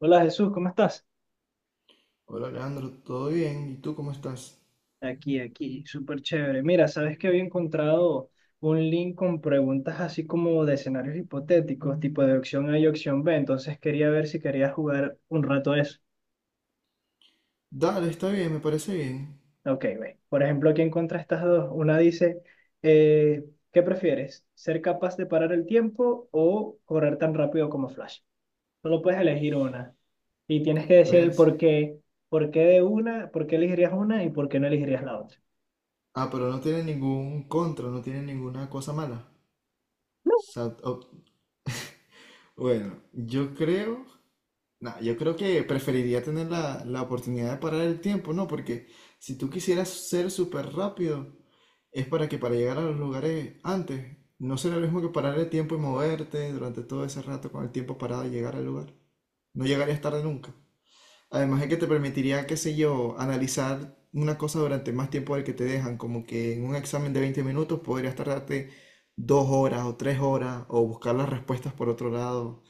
Hola Jesús, ¿cómo estás? Hola Leandro, ¿todo bien? ¿Y tú cómo estás? Aquí, súper chévere. Mira, sabes que había encontrado un link con preguntas así como de escenarios hipotéticos, tipo de opción A y opción B, entonces quería ver si querías jugar un rato a eso. Dale, está bien, me parece bien. Ok, ve. Por ejemplo, aquí encontré estas dos. Una dice, eh, ¿qué prefieres? ¿Ser capaz de parar el tiempo o correr tan rápido como Flash? Solo puedes elegir una y tienes que decir el Verse. por qué, por qué elegirías una y por qué no elegirías la otra. Ah, pero no tiene ningún contra, no tiene ninguna cosa mala. O bueno, yo creo, nah, yo creo que preferiría tener la oportunidad de parar el tiempo, ¿no? Porque si tú quisieras ser súper rápido, es para llegar a los lugares antes, no será lo mismo que parar el tiempo y moverte durante todo ese rato con el tiempo parado y llegar al lugar. No llegarías tarde nunca. Además de que te permitiría, qué sé yo, analizar una cosa durante más tiempo del que te dejan, como que en un examen de 20 minutos podrías tardarte 2 horas o 3 horas o buscar las respuestas por otro lado.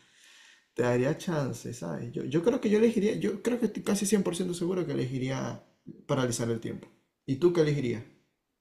Te daría chance, ¿sabes? Yo creo que yo elegiría, yo creo que estoy casi 100% seguro que elegiría paralizar el tiempo. ¿Y tú qué elegirías?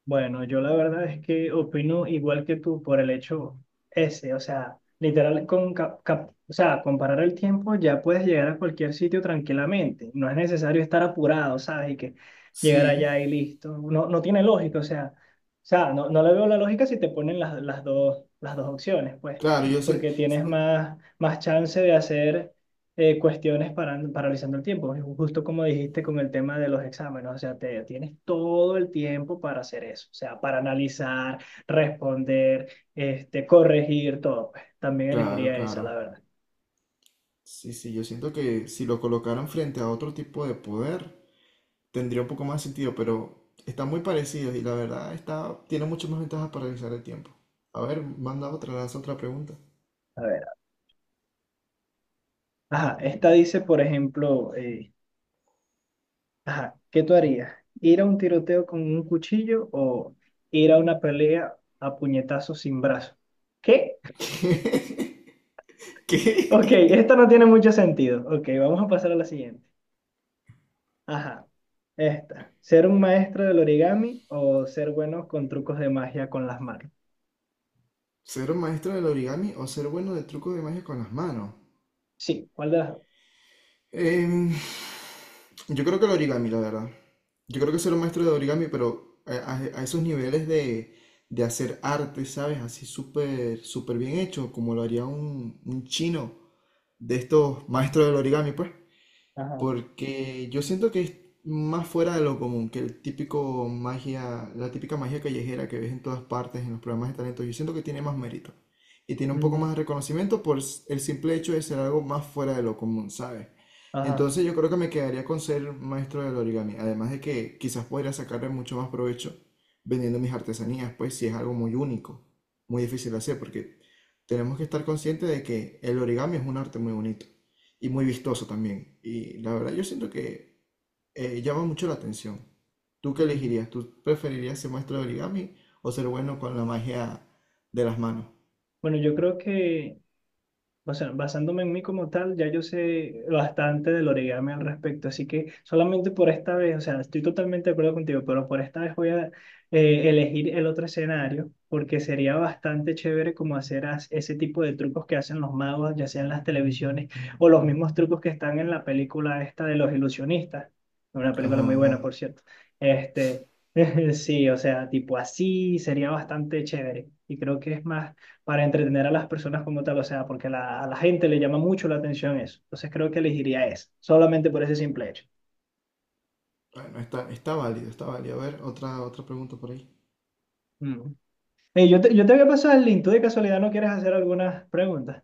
Bueno, yo la verdad es que opino igual que tú por el hecho ese, o sea, literal, o sea, comparar el tiempo ya puedes llegar a cualquier sitio tranquilamente, no es necesario estar apurado, ¿sabes? Y que llegar Sí, allá y listo, no, no tiene lógica, o sea, no, no le veo la lógica si te ponen las dos, las dos opciones, pues, claro, yo siento, porque tienes más, más chance de hacer cuestiones para, paralizando el tiempo, justo como dijiste con el tema de los exámenes, o sea, te, tienes todo el tiempo para hacer eso, o sea, para analizar, responder, corregir, todo. Pues, también claro, elegiría esa, claro. la verdad. Sí, sí, yo siento que si lo colocaran frente a otro tipo de poder, tendría un poco más sentido, pero están muy parecidos y la verdad está, tiene muchas más ventajas para realizar el tiempo. A ver, manda otra, lanza otra pregunta. A ver, ajá, esta dice, por ejemplo, ajá, ¿qué tú harías? ¿Ir a un tiroteo con un cuchillo o ir a una pelea a puñetazos sin brazo? ¿Qué? Ok, ¿Qué? ¿Qué? esta no tiene mucho sentido. Ok, vamos a pasar a la siguiente. Ajá. Esta. ¿Ser un maestro del origami o ser bueno con trucos de magia con las manos? ¿Ser un maestro del origami o ser bueno de trucos de magia con las manos? Sí, ¿cuál de las dos? Em, yo creo que el origami, la verdad. Yo creo que ser un maestro de origami, pero a esos niveles de hacer arte, ¿sabes? Así súper, súper bien hecho, como lo haría un chino de estos maestros del origami, pues. Ajá. Porque yo siento que es más fuera de lo común que el típico magia, la típica magia callejera que ves en todas partes en los programas de talento. Yo siento que tiene más mérito y tiene un poco Mm. más de reconocimiento por el simple hecho de ser algo más fuera de lo común, ¿sabes? Ajá. Entonces yo creo que me quedaría con ser maestro del origami, además de que quizás podría sacarle mucho más provecho vendiendo mis artesanías, pues si es algo muy único, muy difícil de hacer, porque tenemos que estar conscientes de que el origami es un arte muy bonito y muy vistoso también. Y la verdad, yo siento que llama mucho la atención. ¿Tú qué Mm. elegirías? ¿Tú preferirías ser maestro de origami o ser bueno con la magia de las manos? Bueno, yo creo que, o sea, basándome en mí como tal, ya yo sé bastante del origami al respecto, así que solamente por esta vez, o sea, estoy totalmente de acuerdo contigo, pero por esta vez voy a elegir el otro escenario, porque sería bastante chévere como hacer ese tipo de trucos que hacen los magos, ya sean las televisiones o los mismos trucos que están en la película esta de los ilusionistas, una película Ajá, muy buena, ajá. por cierto. Este, sí, o sea, tipo así sería bastante chévere y creo que es más para entretener a las personas como tal, o sea, porque a la gente le llama mucho la atención eso. Entonces creo que elegiría esa, solamente por ese simple hecho. Bueno, está, está válido, está válido. A ver, otra, otra pregunta por ahí. Mm. Ey, yo te voy a pasar el link, ¿tú de casualidad no quieres hacer algunas preguntas?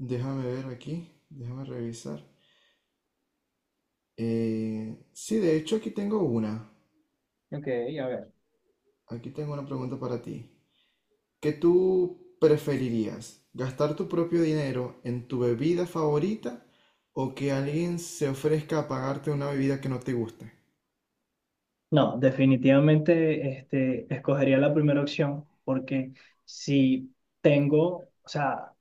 Déjame ver aquí, déjame revisar. Sí, de hecho aquí tengo una. Ok, a ver. Aquí tengo una pregunta para ti. ¿Qué tú preferirías? ¿Gastar tu propio dinero en tu bebida favorita o que alguien se ofrezca a pagarte una bebida que no te guste? No, definitivamente escogería la primera opción porque si tengo,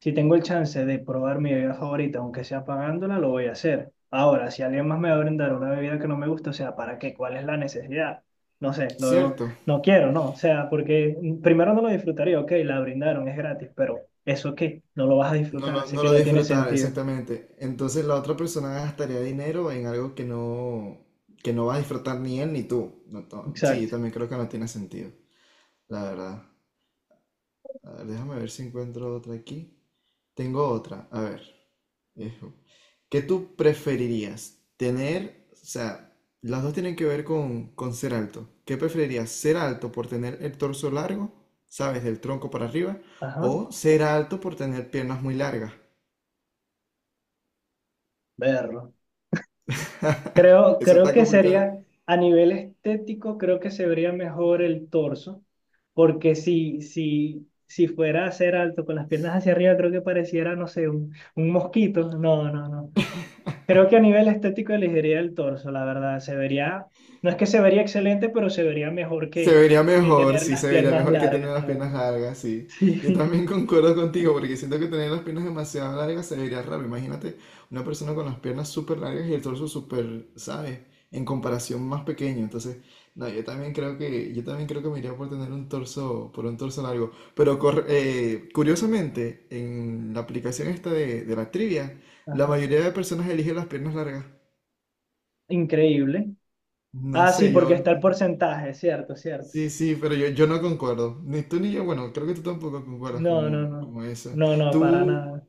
si tengo el chance de probar mi bebida favorita, aunque sea pagándola, lo voy a hacer. Ahora, si alguien más me va a brindar una bebida que no me gusta, o sea, ¿para qué? ¿Cuál es la necesidad? No sé, ¿Cierto? no quiero, no. O sea, porque primero no lo disfrutaría, ok, la brindaron, es gratis, pero ¿eso qué? No lo vas a No disfrutar, lo, así no que lo no tiene disfrutar, sentido. exactamente. Entonces la otra persona gastaría dinero en algo que no va a disfrutar ni él ni tú. No, no, sí, yo Exacto. también creo que no tiene sentido, la verdad. A ver, déjame ver si encuentro otra aquí. Tengo otra, a ver. eh, ¿Qué tú preferirías? Tener, o sea, las dos tienen que ver con ser alto. ¿Qué preferirías? ¿Ser alto por tener el torso largo, sabes, del tronco para arriba? Ajá, ¿O ser alto por tener piernas muy largas? verlo. Creo, Eso creo está que complicado. sería, a nivel estético, creo que se vería mejor el torso, porque si fuera a ser alto con las piernas hacia arriba, creo que pareciera, no sé, un mosquito. No, no, no. Creo que a nivel estético elegiría el torso, la verdad. Se vería, no es que se vería excelente, pero se vería mejor Se vería que mejor, tener sí, las se vería piernas mejor que tener largas, la las verdad. piernas largas, sí. Yo también concuerdo contigo porque siento que tener las piernas demasiado largas se vería raro. Imagínate una persona con las piernas súper largas y el torso súper, ¿sabes? En comparación más pequeño. Entonces, no, yo también creo que, yo también creo que me iría por tener un torso, por un torso largo. Pero curiosamente, en la aplicación esta de la trivia, la Ajá. mayoría de personas elige las piernas largas. Increíble. No Ah, sí, sé, yo. porque está el porcentaje, cierto, cierto. Sí, sí, pero yo no concuerdo. Ni tú ni yo, bueno, creo que tú tampoco concuerdas No, no, como, no. como eso. No, no, para Tú, nada.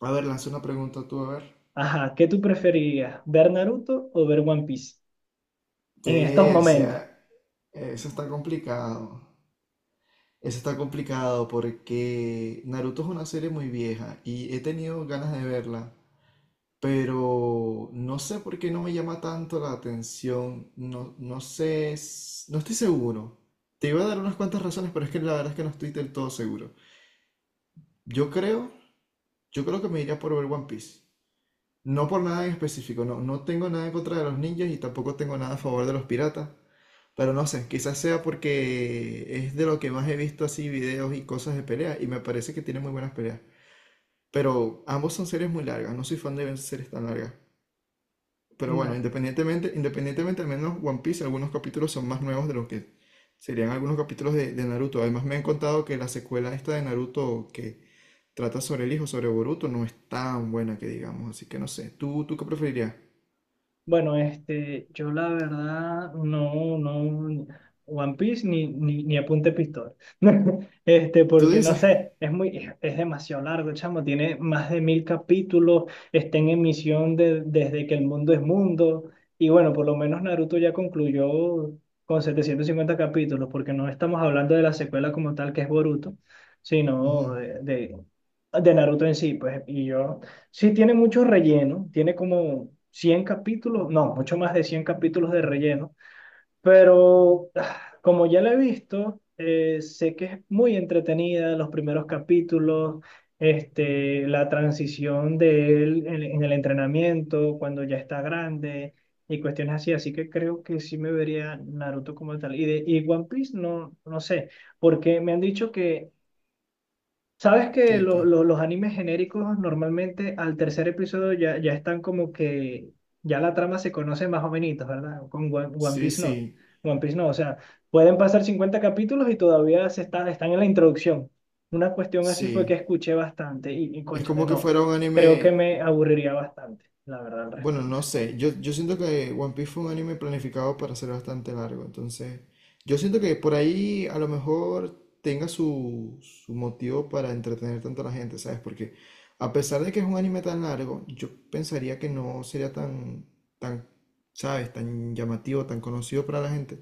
a ver, lanza una pregunta tú, a ver. Ajá, ¿qué tú preferirías? ¿Ver Naruto o ver One Piece? En estos Persia, momentos. eso está complicado. Eso está complicado porque Naruto es una serie muy vieja y he tenido ganas de verla, pero no sé por qué no me llama tanto la atención. No, no sé, no estoy seguro. Te iba a dar unas cuantas razones, pero es que la verdad es que no estoy del todo seguro. Yo creo Yo creo que me iría por ver One Piece. No por nada en específico, no, no tengo nada en contra de los ninjas y tampoco tengo nada a favor de los piratas. Pero no sé, quizás sea porque es de lo que más he visto así videos y cosas de pelea y me parece que tiene muy buenas peleas. Pero ambos son series muy largas, no soy fan de ver series tan largas. Pero bueno, independientemente al menos One Piece, algunos capítulos son más nuevos de lo que serían algunos capítulos de Naruto. Además me han contado que la secuela esta de Naruto, que trata sobre el hijo, sobre Boruto, no es tan buena que digamos, así que no sé. ¿Tú qué preferirías? Bueno, yo la verdad no, no, One Piece ni, ni, ni apunte pistola. Este, ¿Tú porque no dices? sé, es demasiado largo, chamo, tiene más de 1000 capítulos, está en emisión desde que el mundo es mundo, y bueno, por lo menos Naruto ya concluyó con 750 capítulos, porque no estamos hablando de la secuela como tal, que es Boruto, Ujú. sino de Naruto en sí, pues, y yo... Sí, tiene mucho relleno, tiene como 100 capítulos, no, mucho más de 100 capítulos de relleno, pero ah, como ya la he visto, sé que es muy entretenida los primeros capítulos, este, la transición de él en el entrenamiento, cuando ya está grande y cuestiones así, así que creo que sí me vería Naruto como tal. Y One Piece, no, no sé, porque me han dicho que sabes que ¿Qué, qué? Los animes genéricos normalmente al tercer episodio ya están como que ya la trama se conoce más o menos, ¿verdad? Con One Sí, Piece no. sí, One Piece no, o sea, pueden pasar 50 capítulos y todavía están en la introducción. Una cuestión así fue que sí. escuché bastante y Es cónchale, como que no, fuera un creo que anime. me aburriría bastante, la verdad, al Bueno, respecto. no sé. Yo siento que One Piece fue un anime planificado para ser bastante largo. Entonces, yo siento que por ahí a lo mejor tenga su, su motivo para entretener tanto a la gente, ¿sabes? Porque a pesar de que es un anime tan largo, yo pensaría que no sería tan, tan, ¿sabes? Tan llamativo, tan conocido para la gente.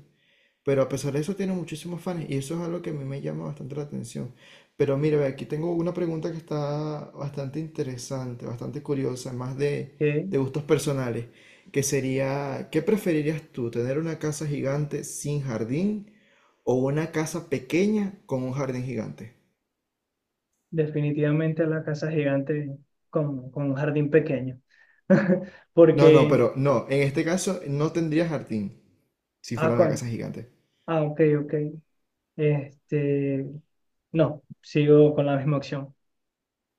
Pero a pesar de eso tiene muchísimos fans y eso es algo que a mí me llama bastante la atención. Pero mira, ve, aquí tengo una pregunta que está bastante interesante, bastante curiosa, más Que de gustos personales, que sería, ¿qué preferirías tú, tener una casa gigante sin jardín o una casa pequeña con un jardín gigante? definitivamente la casa gigante con un jardín pequeño. No, no, Porque, pero no, en este caso no tendría jardín si ah, fuera una con, casa gigante. ah, ok, ok. Este, no, sigo con la misma opción.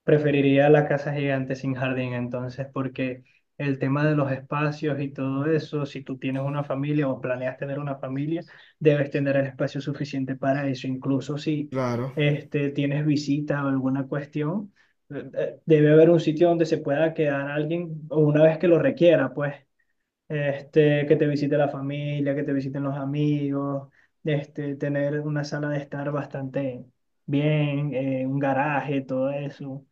Preferiría la casa gigante sin jardín, entonces, porque el tema de los espacios y todo eso, si tú tienes una familia o planeas tener una familia, debes tener el espacio suficiente para eso. Incluso si Claro, tienes visitas o alguna cuestión, debe haber un sitio donde se pueda quedar alguien o una vez que lo requiera, pues este, que te visite la familia, que te visiten los amigos, este, tener una sala de estar bastante bien, un garaje, todo eso.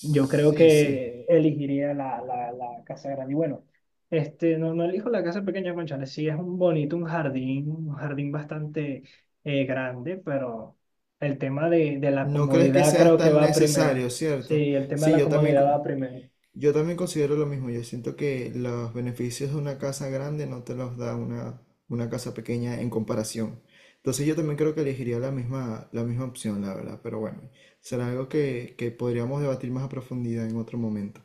Yo creo sí. que elegiría la casa grande. Y bueno, este, no, no elijo la casa pequeña, cónchale, sí es un bonito, un jardín bastante grande, pero el tema de la No crees que comodidad sea creo que tan va primero. necesario, ¿cierto? Sí, el tema de Sí, la yo comodidad va también. primero. Yo también considero lo mismo. Yo siento que los beneficios de una casa grande no te los da una casa pequeña en comparación. Entonces yo también creo que elegiría la misma opción, la verdad. Pero bueno, será algo que podríamos debatir más a profundidad en otro momento.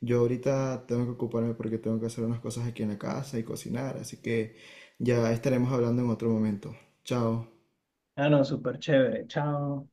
Yo ahorita tengo que ocuparme porque tengo que hacer unas cosas aquí en la casa y cocinar. Así que ya estaremos hablando en otro momento. Chao. Ah, no, súper chévere. Chao.